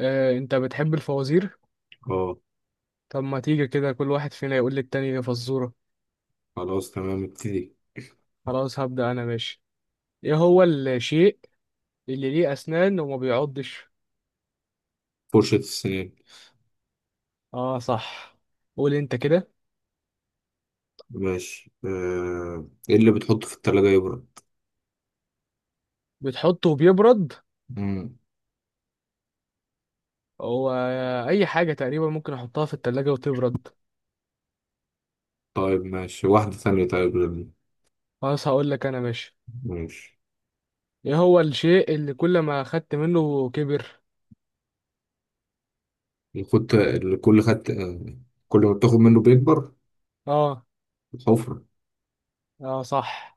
انت بتحب الفوازير. اه. طب ما تيجي كده كل واحد فينا يقول للتاني فزورة. خلاص تمام، ابتدي. خلاص هبدأ انا ماشي. ايه هو الشيء اللي ليه اسنان وما بيعضش؟ فرشة السنان. اه صح. قول انت كده. ماشي. ايه اللي بتحطه في التلاجة يبرد؟ بتحطه وبيبرد. مم. هو اي حاجة تقريبا ممكن احطها في التلاجة وتبرد. طيب ماشي، واحدة ثانية. طيب خلاص هقول لك انا ماشي. ماشي. ايه هو الشيء اللي كل ما اخدت منه كبر؟ الخط اللي كل خدت آه، كل ما بتاخد منه بيكبر. اه الحفرة. اه صح.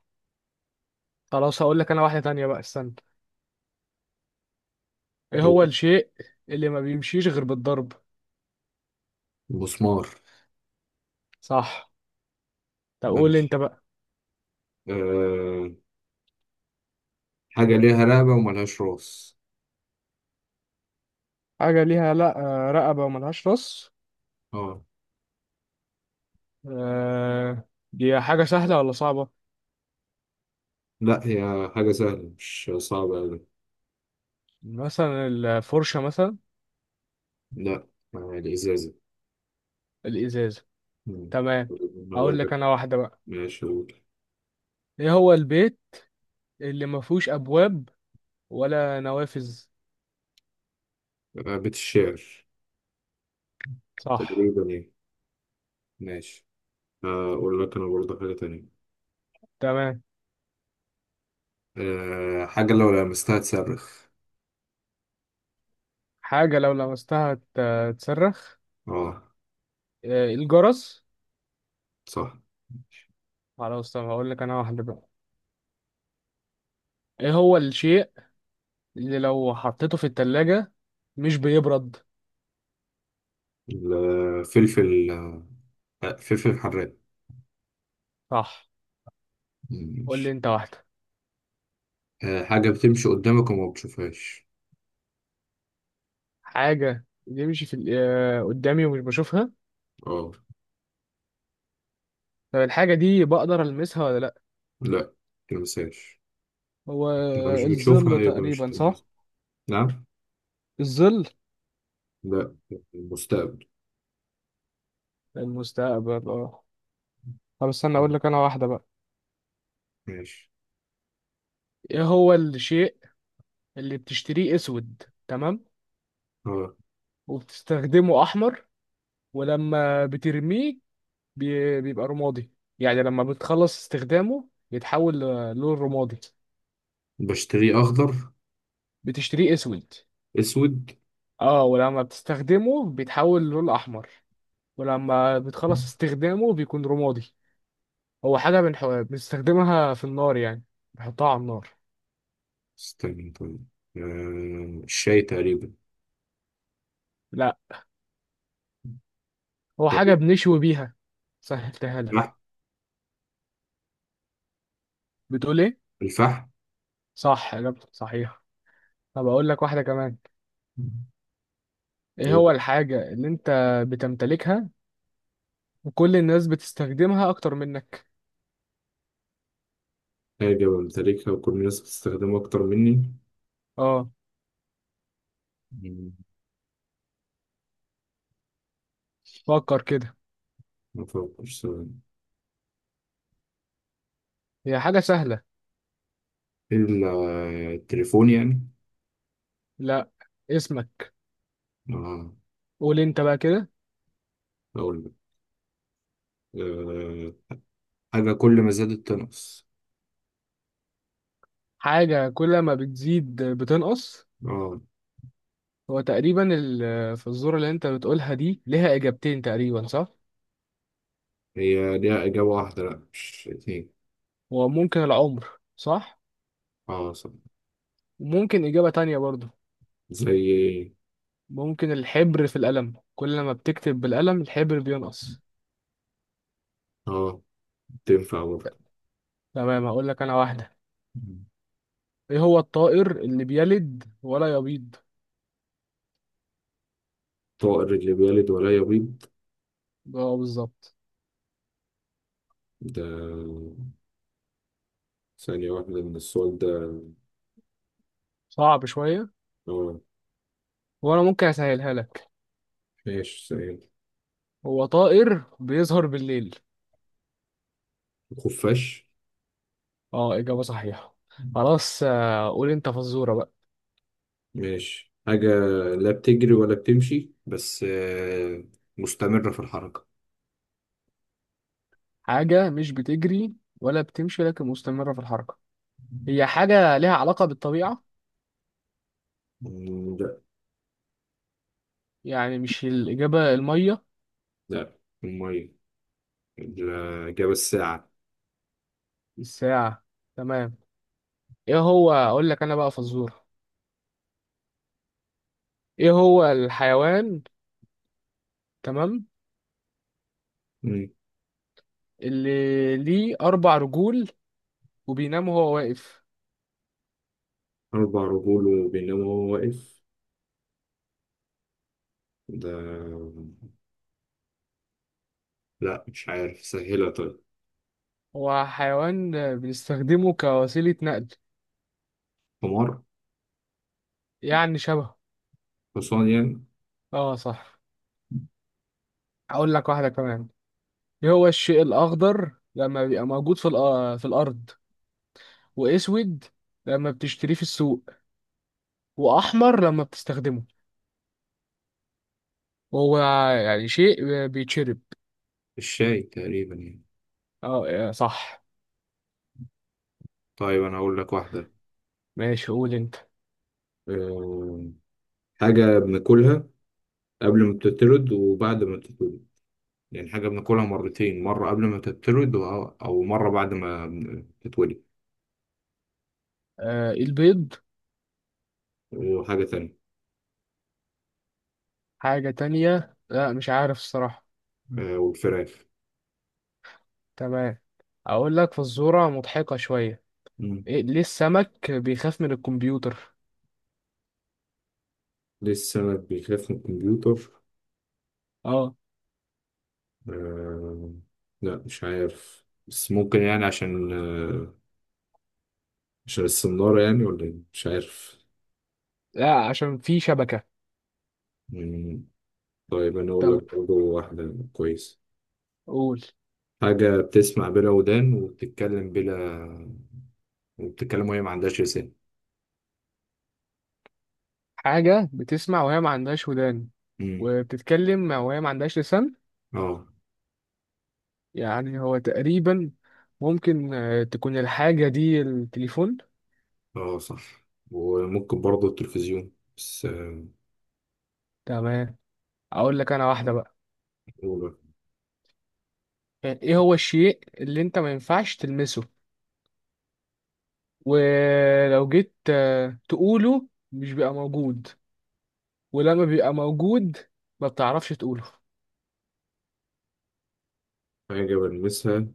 خلاص هقول لك انا واحدة تانية بقى استنى. ايه هو أو الشيء اللي ما بيمشيش غير بالضرب؟ المسمار. صح. طب قول انت ماشي. بقى. أه... حاجة ليها رقبة وملهاش راس. حاجة ليها لا رقبة وملهاش راس. اه. دي حاجة سهلة ولا صعبة؟ لا، هي حاجة سهلة، مش صعبة أوي. مثلا الفرشة مثلا. لا. الإزازة. الإزازة. مم. تمام. أنا أقول أقول لك لك. أنا واحدة بقى. ماشي، أقول. إيه هو البيت اللي مفهوش أبواب ولا نوافذ؟ بيت الشعر صح. تقريبا، إيه. ماشي. هقول لك انا برضه حاجة تانية. تمام. حاجة لو لمستها تصرخ. حاجة لو لمستها تصرخ. اه، الجرس. صح. خلاص طب هقول لك أنا واحدة بقى. إيه هو الشيء اللي لو حطيته في التلاجة مش بيبرد؟ الفلفل. فلفل حراق. صح. قول لي ماشي. أنت واحدة. حاجة بتمشي قدامك وما بتشوفهاش. حاجة بيمشي في ال- آه، قدامي ومش بشوفها. اه. طب الحاجة دي بقدر ألمسها ولا لأ؟ لا، تلمسهاش. هو لو مش بتشوفها الظل يبقى مش تقريبا صح. تلمسها. نعم. الظل. لا، المستقبل. المستقبل اه. طب استنى آه، أقول لك أنا واحدة بقى. ماشي. إيه هو الشيء اللي بتشتريه أسود تمام، اه، وبتستخدمه أحمر، ولما بترميه بيبقى رمادي. يعني لما بتخلص استخدامه بيتحول للون رمادي. بشتريه أخضر. بتشتريه أسود. أسود. اه ولما بتستخدمه بيتحول للون أحمر. ولما بتخلص استخدامه بيكون رمادي. هو حاجة بنستخدمها في النار يعني. بنحطها على النار. استنى طيب. الشاي تقريبا. لا هو حاجة طيب، بنشوي بيها. سهلتها لك. الفحم. بتقول ايه؟ صح، إجابتك صحيحة. طب أقول لك واحدة كمان. ايه الفحم. هو الحاجة اللي انت بتمتلكها وكل الناس بتستخدمها أكتر منك؟ حاجة بمتلكها وكل الناس بتستخدمها أكتر مني. اه مم، فكر كده. ما أفكرش ثواني. هي حاجة سهلة. إلا التليفون يعني. لا، اسمك. آه. قول انت بقى كده. أقول لك. آه حاجة كل ما زادت تنقص. حاجة كل ما بتزيد بتنقص. آه. هو تقريبا الفزورة اللي انت بتقولها دي ليها اجابتين تقريبا صح. هي ليها إجابة واحدة، لأ مش اتنين. وممكن العمر. صح. آه، صح. وممكن اجابة تانية برضو. زي إيه؟ ممكن الحبر في القلم، كل ما بتكتب بالقلم الحبر بينقص. آه، تنفع برضه. تمام هقول لك انا واحدة. مم. ايه هو الطائر اللي بيلد ولا يبيض؟ طائر اللي بيلد ولا يبيض؟ اه بالظبط. ده ثانية واحدة من السؤال ده. صعب شوية. آه. وانا ممكن اسهلها لك. ماشي، ثانية. هو طائر بيظهر بالليل. الخفاش. اه اجابة صحيحة. خلاص قول انت فزورة بقى. ماشي. حاجة لا بتجري ولا بتمشي، بس مستمرة في الحركة. حاجة مش بتجري ولا بتمشي لكن مستمرة في الحركة. هي حاجة ليها علاقة بالطبيعة؟ مم، لا. يعني مش الإجابة المية. لا، المية. الإجابة الساعة. الساعة. تمام. إيه هو أقول لك أنا بقى فزورة. إيه هو الحيوان، تمام، مم، اللي ليه أربع رجول وبينام وهو واقف؟ 4 رجول وبينما هو واقف، ده. لا، مش عارف. سهلة طيب. هو حيوان بنستخدمه كوسيلة نقل. حمار. يعني شبه. حصان يعني. آه صح. أقول لك واحدة كمان. إيه هو الشيء الأخضر لما بيبقى موجود في الأرض، وأسود لما بتشتريه في السوق، وأحمر لما بتستخدمه. هو يعني شيء بيتشرب. الشاي تقريبا يعني. اه صح. طيب، أنا هقول لك واحدة. ماشي قول انت. آه، حاجة بناكلها قبل ما بتترد وبعد ما بتترد. لأن حاجة بناكلها مرتين، مرة قبل ما تتولد أو مرة بعد ما تتولد. آه، البيض. وحاجة تانية. حاجة تانية لا مش عارف الصراحة. والفراخ. تمام. اقول لك فزورة مضحكة شوية. مم. إيه ليه السمك بيخاف من الكمبيوتر؟ ليه السمك بيخاف من الكمبيوتر؟ اه. آه، لا مش عارف، بس ممكن يعني عشان عشان السنارة يعني، ولا إيه؟ مش عارف. لا عشان في شبكة. مم. طيب، أنا أقول طب لك برضه واحدة كويسة. قول. حاجة بتسمع بلا ودان وبتتكلم بلا، وبتتكلم وهي ما عندهاش لسان. حاجة بتسمع وهي ما عندهاش ودان، مم. وبتتكلم وهي ما عندهاش لسان. اه، يعني هو تقريبا ممكن تكون الحاجة دي التليفون. اه، صح. وممكن برضه التلفزيون، بس تمام. اقول لك انا واحدة بقى. أولى. يعني ايه هو الشيء اللي انت ما ينفعش تلمسه، ولو جيت تقوله مش بيبقى موجود، ولما بيبقى موجود ما بتعرفش تقوله. حاجة بلمسها،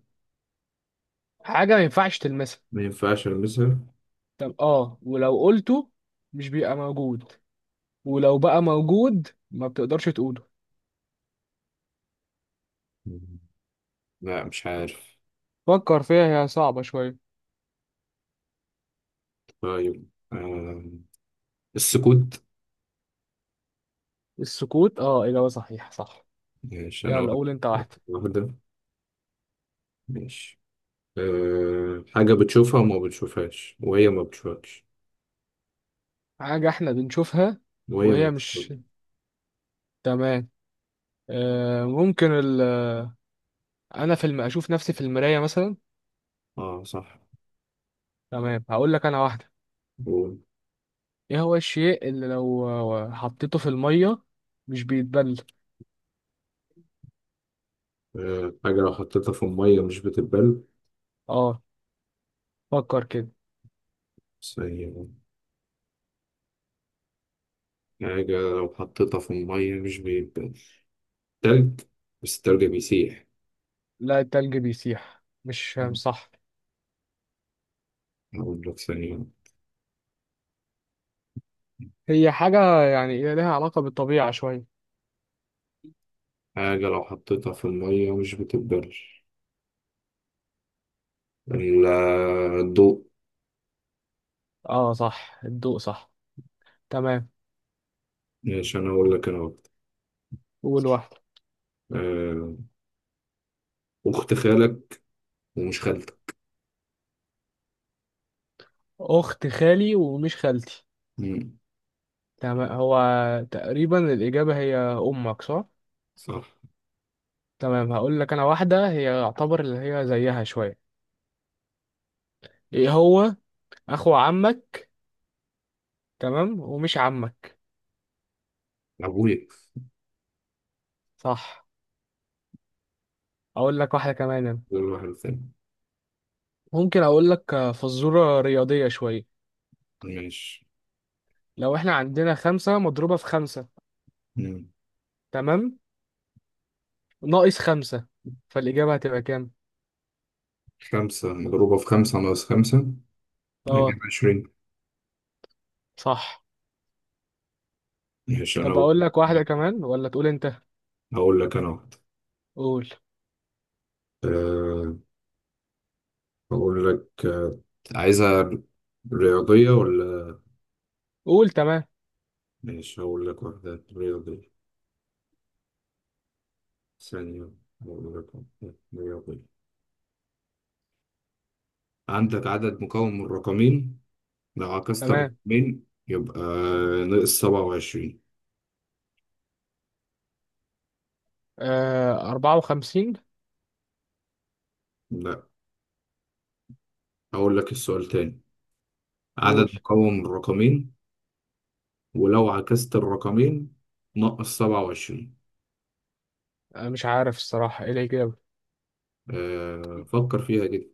حاجة ما ينفعش تلمسها. ما ينفعش ألمسها. طب اه، ولو قلته مش بيبقى موجود، ولو بقى موجود ما بتقدرش تقوله. مم. لا، مش عارف. فكر فيها هي صعبة شوية. طيب السكوت. السكوت اه إجابة صحيحة صح. ماشي، أنا يلا واخد. قول انت واحدة. واحدة ماشي. حاجة بتشوفها وما بتشوفهاش، وهي ما بتشوفكش. حاجة احنا بنشوفها وهي ما وهي مش. بتشوفك. تمام. آه ممكن انا اشوف نفسي في المراية مثلا. اه، صح. تمام هقول لك انا واحده. قول. ايه هو الشيء اللي لو حطيته في الميه مش بيتبل؟ حاجة لو حطيتها في المية مش بتتبل. اه فكر كده. بس هي حاجة لو حطيتها في المية مش بيتبل. تلج. بس التلج بيسيح. لا التلج بيسيح، مش صح. أقول لك ثانية. هي حاجه يعني إيه لها علاقه بالطبيعه شويه. حاجة لو حطيتها في المية مش بتتبل. ال- الضوء. اه صح الضوء صح. تمام. ماشي، أنا أقول لك أنا وقت. قول واحده. أه أخت خالك ومش خالتك. اخت خالي ومش خالتي. مم. تمام هو تقريبا الاجابه هي امك صح. صح. تمام هقول لك انا واحده هي يعتبر اللي هي زيها شويه. ايه هو اخو عمك، تمام، ومش عمك. أبويا. صح. اقول لك واحده كمان أنا. غير واحد تاني. ممكن اقول لك فزوره رياضيه شويه. ماشي. لو احنا عندنا خمسة مضروبة في خمسة، مم. تمام، ناقص خمسة، فالإجابة هتبقى كام؟ خمسة مضروبة في خمسة ناقص خمسة، هجيب اه 20. صح. ماشي، أنا طب أقول أقول لك واحدة كمان ولا تقول أنت؟ أقول لك أنا وقت. قول أه أقول لك. عايزها رياضية ولا؟ قول. تمام ماشي، هقول لك واحدة رياضية. ثانية. وأقول لك أهو. رياضية. عندك عدد مكون من رقمين، لو عكست تمام. الرقمين يبقى ناقص 27. آه 54. لا، أقول لك السؤال تاني. عدد قول. مكون من رقمين، ولو عكست الرقمين ناقص 27. مش عارف الصراحة إيه الإجابة. فكر فيها كده.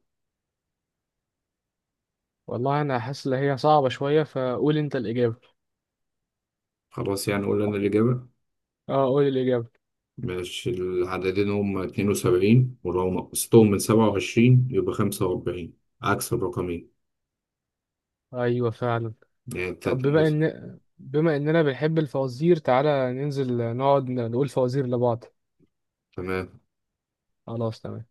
والله أنا حاسس إن هي صعبة شوية، فقول أنت الإجابة. خلاص يعني، قول لنا الإجابة. اه قول الإجابة. ماشي. العددين هما 72، ولو نقصتهم من 27 يبقى 45، عكس الرقمين. أيوة فعلا. يعني طب تلاتة. بما اننا بنحب الفوازير، تعالى ننزل نقعد نقول فوازير لبعض. تمام. خلاص تمام.